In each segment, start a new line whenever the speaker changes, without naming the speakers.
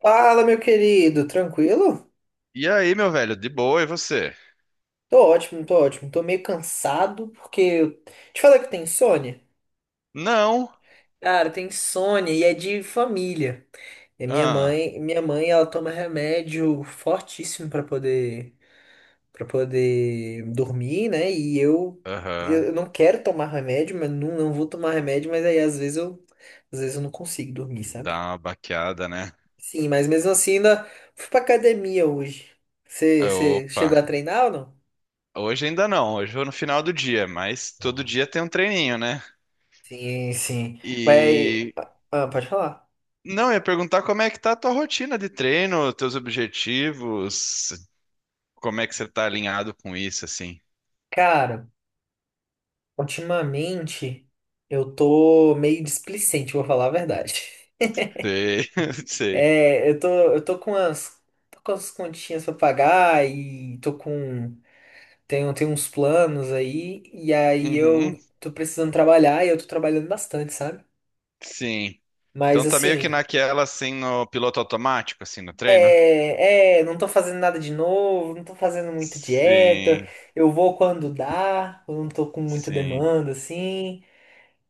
Fala, meu querido, tranquilo?
E aí, meu velho, de boa, e você?
Tô ótimo, tô ótimo. Tô meio cansado porque te falei que tem insônia?
Não.
Cara, tem insônia e é de família. E minha
Ah,
mãe, minha mãe, ela toma remédio fortíssimo pra poder para poder dormir, né? E eu
aham.
eu não quero tomar remédio, mas não vou tomar remédio, mas aí às vezes eu não consigo dormir, sabe?
Dá uma baqueada, né?
Sim, mas mesmo assim ainda fui pra academia hoje. Você
Opa.
chegou a treinar ou
Hoje ainda não, hoje eu vou no final do dia, mas todo
não?
dia tem um treininho, né?
Sim, sim. Mas,
E
ah, pode falar.
não, eu ia perguntar como é que tá a tua rotina de treino, teus objetivos, como é que você tá alinhado com isso, assim?
Cara, ultimamente eu tô meio displicente, vou falar a verdade.
Sei, sei.
É, eu tô com umas, tô com as continhas pra pagar e tenho uns planos aí, e aí eu
Uhum,
tô precisando trabalhar e eu tô trabalhando bastante, sabe?
sim.
Mas
Então tá meio que
assim,
naquela, assim, no piloto automático, assim, no treino?
não tô fazendo nada de novo, não tô fazendo muita dieta,
Sim,
eu vou quando dá, eu não tô com muita
sim.
demanda, assim.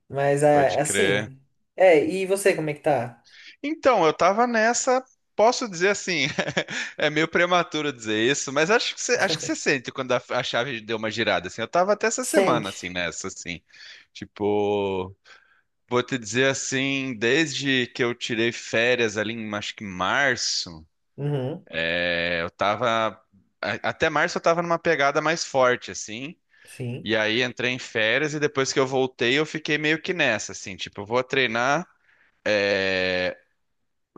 Mas é
Pode
é
crer.
assim. É, e você, como é que tá?
Então, eu tava nessa, posso dizer assim, é meio prematuro dizer isso, mas acho que você sente quando a chave deu uma girada, assim. Eu tava até essa semana,
Sente.
assim, nessa, assim. Tipo, vou te dizer assim, desde que eu tirei férias ali em, acho que em março,
Uhum,
é, eu tava, até março eu tava numa pegada mais forte, assim.
sim.
E aí entrei em férias e depois que eu voltei, eu fiquei meio que nessa, assim, tipo, eu vou treinar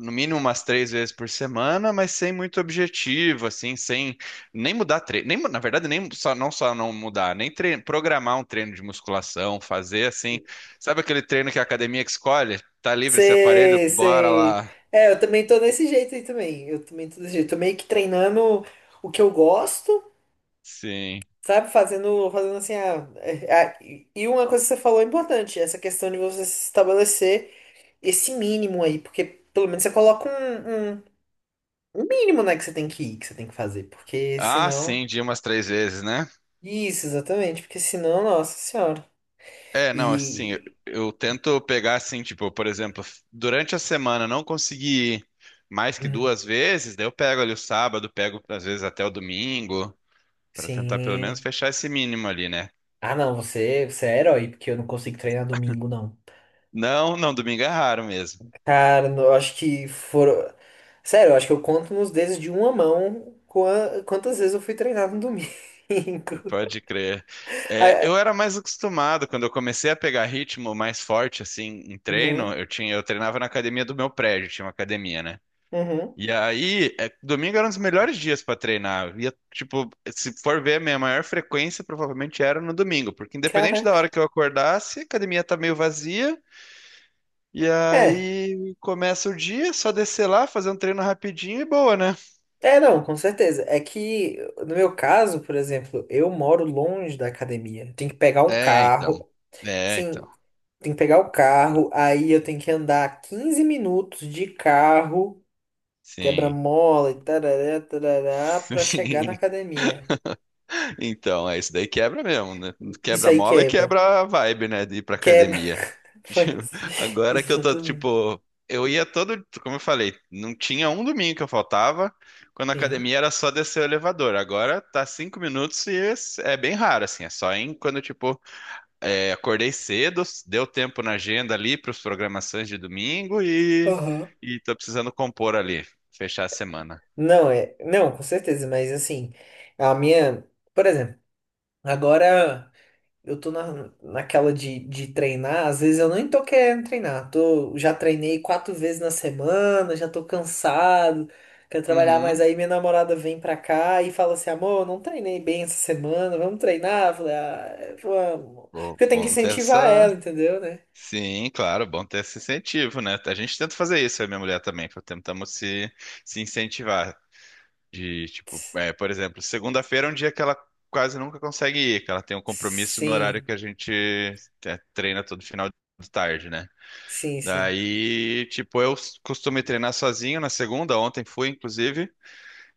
no mínimo umas 3 vezes por semana, mas sem muito objetivo, assim, sem nem mudar treino, nem, na verdade, nem só não mudar, nem programar um treino de musculação, fazer assim, sabe aquele treino que a academia que escolhe? Tá livre esse aparelho?
Sei,
Bora
sei.
lá.
É, eu também tô desse jeito aí também. Eu também tô desse jeito. Tô meio que treinando o que eu gosto,
Sim.
sabe? Fazendo, fazendo assim. E uma coisa que você falou é importante, essa questão de você estabelecer esse mínimo aí, porque pelo menos você coloca um mínimo, né, que você tem que ir, que você tem que fazer, porque
Ah,
senão.
sim, de umas 3 vezes, né?
Isso, exatamente, porque senão, nossa senhora.
É, não, assim, eu,
E.
tento pegar assim, tipo, por exemplo, durante a semana não consegui ir mais que
Uhum.
2 vezes, daí eu pego ali o sábado, pego às vezes até o domingo. Para tentar pelo menos
Sim.
fechar esse mínimo ali, né?
Ah, não, você, você é herói, porque eu não consigo treinar domingo, não.
Não, não, domingo é raro mesmo,
Cara, eu acho que foram. Sério, eu acho que eu conto nos dedos de uma mão quantas vezes eu fui treinar no domingo.
pode crer. É,
Ah,
eu era mais acostumado, quando eu comecei a pegar ritmo mais forte, assim, em treino,
uhum,
eu treinava na academia do meu prédio, tinha uma academia, né?
uhum.
E aí, é, domingo era um dos melhores dias para treinar. Eu ia, tipo, se for ver, a minha maior frequência provavelmente era no domingo, porque independente da
Caraca.
hora que eu acordasse, a academia tá meio vazia, e
É,
aí começa o dia, só descer lá, fazer um treino rapidinho e boa, né?
é, não, com certeza. É que, no meu caso, por exemplo, eu moro longe da academia. Tem que pegar um
É, então.
carro.
É, então.
Sim, tem que pegar o carro, aí eu tenho que andar 15 minutos de carro.
Sim.
Quebra-mola e tarará, tarará, pra chegar na
Sim.
academia.
Então, é isso daí quebra mesmo, né?
Isso
Quebra a
aí
mola e
quebra.
quebra a vibe, né? De ir pra
Quebra.
academia.
Foi assim.
Agora que eu tô,
Exatamente.
tipo, eu ia todo, como eu falei, não tinha um domingo que eu faltava, quando a
Sim.
academia era só descer o elevador. Agora tá 5 minutos e é bem raro, assim, é só em quando, tipo, é, acordei cedo, deu tempo na agenda ali pros programações de domingo e,
Aham.
tô precisando compor ali, fechar a semana.
Não, é. Não, com certeza, mas assim, a minha. Por exemplo, agora. Eu tô na, naquela de treinar, às vezes eu nem tô querendo treinar. Tô, já treinei quatro vezes na semana, já tô cansado, quero trabalhar, mas
Uhum.
aí minha namorada vem pra cá e fala assim, amor, eu não treinei bem essa semana, vamos treinar? Eu falei, ah, é, vamos.
Bom,
Porque eu tenho que
bom ter
incentivar
essa.
ela, entendeu, né?
Sim, claro, bom ter esse incentivo, né? A gente tenta fazer isso, eu e minha mulher também. Tentamos se, incentivar. De, tipo,
S-
é, por exemplo, segunda-feira é um dia que ela quase nunca consegue ir, que ela tem um compromisso no horário
Sim,
que a gente é, treina todo final de tarde, né?
sim, sim.
Daí, tipo, eu costumo ir treinar sozinho na segunda, ontem fui, inclusive.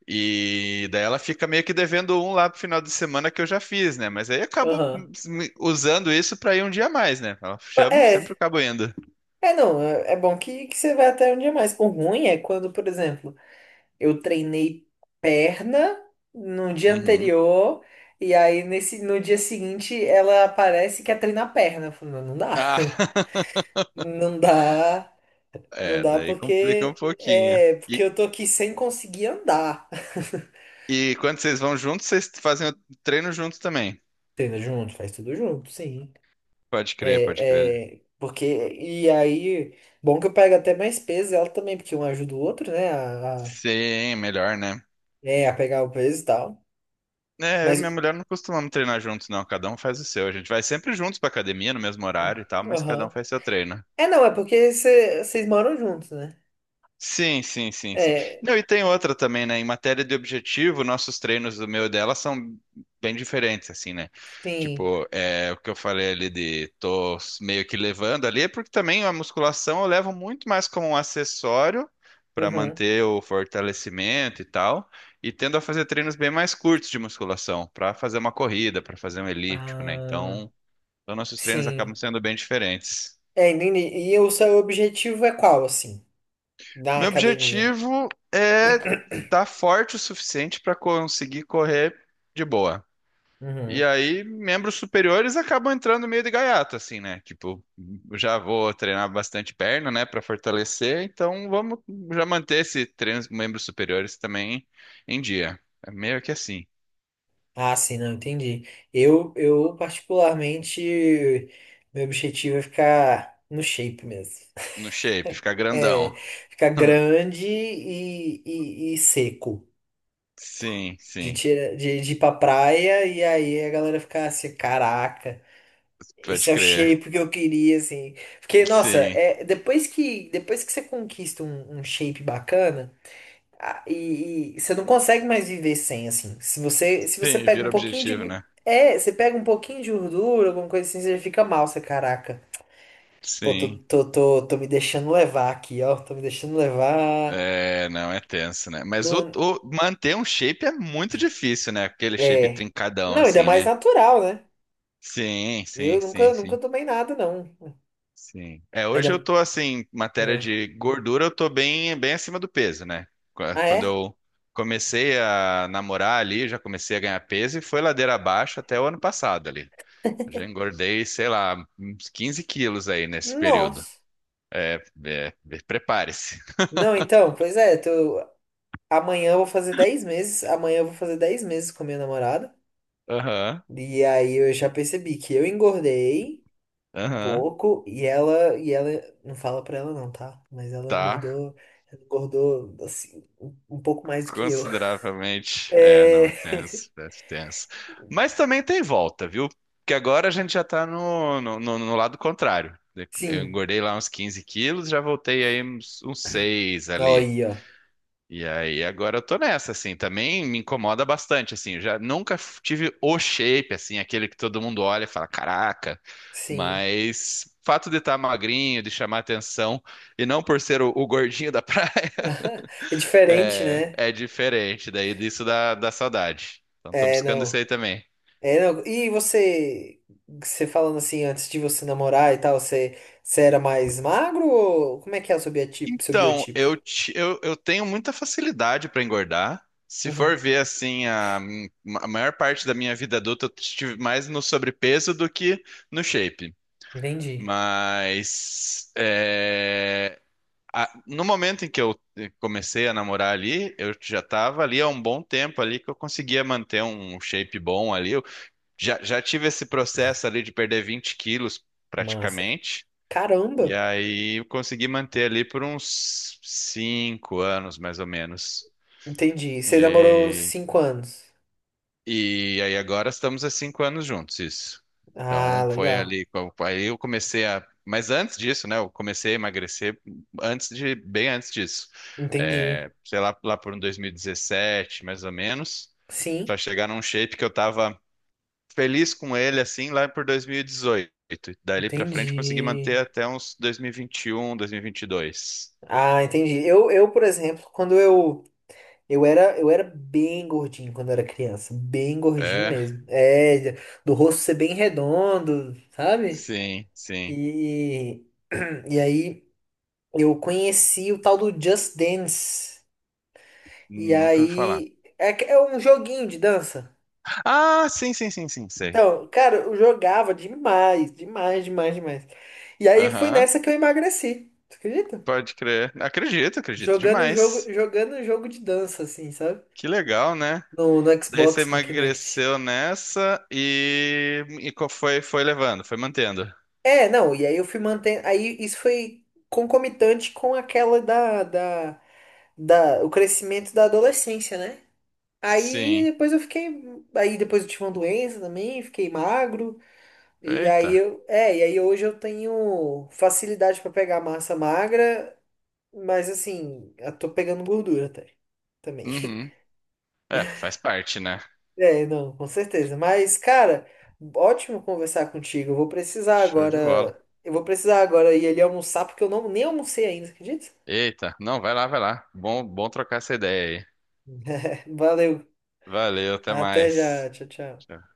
E daí ela fica meio que devendo um lá pro final de semana que eu já fiz, né? Mas aí eu acabo
Aham.
usando isso pra ir um dia a mais, né? Ela chama, sempre
É,
acabo indo.
é não, é bom que você vai até um dia mais. O ruim é quando, por exemplo, eu treinei perna no dia
Uhum.
anterior, e aí nesse, no dia seguinte ela parece que quer treinar perna. Eu falo, não, não dá.
Ah,
Não dá,
é, daí complica um pouquinho.
porque
E,
eu tô aqui sem conseguir andar.
quando vocês vão juntos, vocês fazem o treino juntos também.
Treina junto, faz tudo junto, sim.
Pode crer, pode crer.
É, é, porque, e aí, bom que eu pego até mais peso ela também, porque um ajuda o outro, né,
Sim, melhor, né?
a pegar o peso e tal.
É, eu e
Mas,
minha mulher não costumamos treinar juntos, não. Cada um faz o seu. A gente vai sempre juntos pra academia, no mesmo horário e tal, mas cada um
aham.
faz seu treino.
É, não, é porque vocês moram juntos, né?
Sim, sim, sim, sim.
É,
Não, e tem outra também, né? Em matéria de objetivo, nossos treinos do meu e dela são bem diferentes, assim, né?
sim.
Tipo, é, o que eu falei ali de tô meio que levando ali, é porque também a musculação eu levo muito mais como um acessório para
Uhum.
manter o fortalecimento e tal, e tendo a fazer treinos bem mais curtos de musculação, para fazer uma corrida, para fazer um elíptico, né?
Ah,
Então, nossos treinos acabam
sim.
sendo bem diferentes.
É, entendi. E o seu objetivo é qual, assim, da
Meu
academia?
objetivo é estar forte o suficiente para conseguir correr de boa. E
Uhum.
aí, membros superiores acabam entrando meio de gaiato, assim, né? Tipo, eu já vou treinar bastante perna, né, para fortalecer, então vamos já manter esse treino dos membros superiores também em dia. É meio que assim,
Ah, sim, não, entendi. Eu particularmente, meu objetivo é ficar no shape mesmo.
no shape, ficar grandão.
É, ficar grande e seco.
Sim, sim,
De ir pra praia e aí a galera ficar assim, caraca.
pode
Esse é o
crer.
shape que eu queria, assim. Porque, nossa,
Sim,
é, depois que você conquista um shape bacana, e você não consegue mais viver sem, assim. Se você
sim,
pega um
vira
pouquinho
objetivo, né?
É, você pega um pouquinho de gordura, alguma coisa assim, você fica mal, você, caraca. Pô, tô,
Sim.
tô, tô, tô me deixando levar aqui, ó. Tô me deixando levar.
É, não, é tenso, né? Mas
Não,
manter um shape é muito difícil, né? Aquele shape
é.
trincadão,
Não, ainda
assim,
mais
né?
natural, né?
Sim, sim,
Eu nunca,
sim,
nunca
sim,
tomei nada, não.
sim. É, hoje eu
Ainda.
tô, assim, matéria
Ah,
de gordura, eu tô bem, bem acima do peso, né?
ah,
Quando
é?
eu comecei a namorar ali, já comecei a ganhar peso e foi ladeira abaixo até o ano passado ali. Eu já engordei, sei lá, uns 15 quilos aí nesse período.
Nossa.
É, prepare-se.
Não, então, pois é, tô, amanhã eu vou fazer 10 meses. Amanhã eu vou fazer 10 meses com a minha namorada.
Aham,
E aí eu já percebi que eu engordei um
aham,
pouco e ela não fala pra ela não, tá? Mas ela
tá.
engordou, assim um pouco mais do que eu.
Consideravelmente. É, não, é
É,
tenso, é tenso. Mas também tem volta, viu? Porque agora a gente já tá no, no lado contrário. Eu
sim.
engordei lá uns 15 quilos, já voltei aí uns, 6
Ó
ali.
aí, ó.
E aí agora eu tô nessa, assim, também me incomoda bastante, assim, eu já nunca tive o shape, assim, aquele que todo mundo olha e fala, caraca,
Sim.
mas fato de estar magrinho, de chamar atenção, e não por ser o, gordinho da praia,
É diferente,
é,
né?
diferente daí disso da, saudade. Então tô
É,
buscando isso
não.
aí também.
É, não. E você, você falando assim, antes de você namorar e tal, você, você era mais magro ou como é que é o seu biotipo? Seu
Então,
biotipo?
eu, eu tenho muita facilidade para engordar. Se for
Uhum.
ver assim, a, maior parte da minha vida adulta eu estive mais no sobrepeso do que no shape.
Entendi.
Mas é, no momento em que eu comecei a namorar ali, eu já estava ali há um bom tempo ali que eu conseguia manter um shape bom ali. Já, tive esse processo ali de perder 20 quilos,
Massa.
praticamente. E
Caramba!
aí eu consegui manter ali por uns 5 anos, mais ou menos.
Entendi.
E
Você namorou
aí,
5 anos.
agora estamos há 5 anos juntos, isso.
Ah,
Então foi
legal.
ali, aí eu comecei a... Mas antes disso, né, eu comecei a emagrecer antes de, bem antes disso.
Entendi.
É, sei lá, lá por um 2017, mais ou menos, para
Sim,
chegar num shape que eu tava feliz com ele assim lá por 2018. Dali pra frente consegui
entendi.
manter até uns 2021, 2022.
Ah, entendi. Por exemplo, quando eu. Eu era bem gordinho quando eu era criança. Bem gordinho
É,
mesmo. É, do rosto ser bem redondo, sabe?
sim, sim.
E. E aí eu conheci o tal do Just Dance. E
Nunca ouvi falar.
aí. É, é um joguinho de dança.
Ah, sim, sim, sim, sim, sei.
Então, cara, eu jogava demais, demais, demais, demais. E aí foi
Aham,
nessa que eu emagreci. Tu acredita?
pode crer. Acredito, acredito
Jogando jogo,
demais.
jogando jogo de dança, assim, sabe?
Que legal, né?
No, no
Daí você
Xbox com Kinect.
emagreceu nessa e, foi levando, foi mantendo.
É, não, e aí eu fui mantendo. Aí isso foi concomitante com aquela o crescimento da adolescência, né? Aí
Sim.
depois eu fiquei. Aí depois eu tive uma doença também, fiquei magro. E aí
Eita.
eu. É, e aí hoje eu tenho facilidade pra pegar massa magra. Mas assim, eu tô pegando gordura até. Também.
Uhum. É, faz parte, né?
É, não, com certeza. Mas, cara, ótimo conversar contigo.
Show de bola.
Eu vou precisar agora ir ali almoçar, porque eu não, nem almocei ainda, acredita?
Eita, não, vai lá, vai lá. Bom, trocar essa ideia aí.
Valeu.
Valeu, até
Até já.
mais.
Tchau, tchau.
Tchau.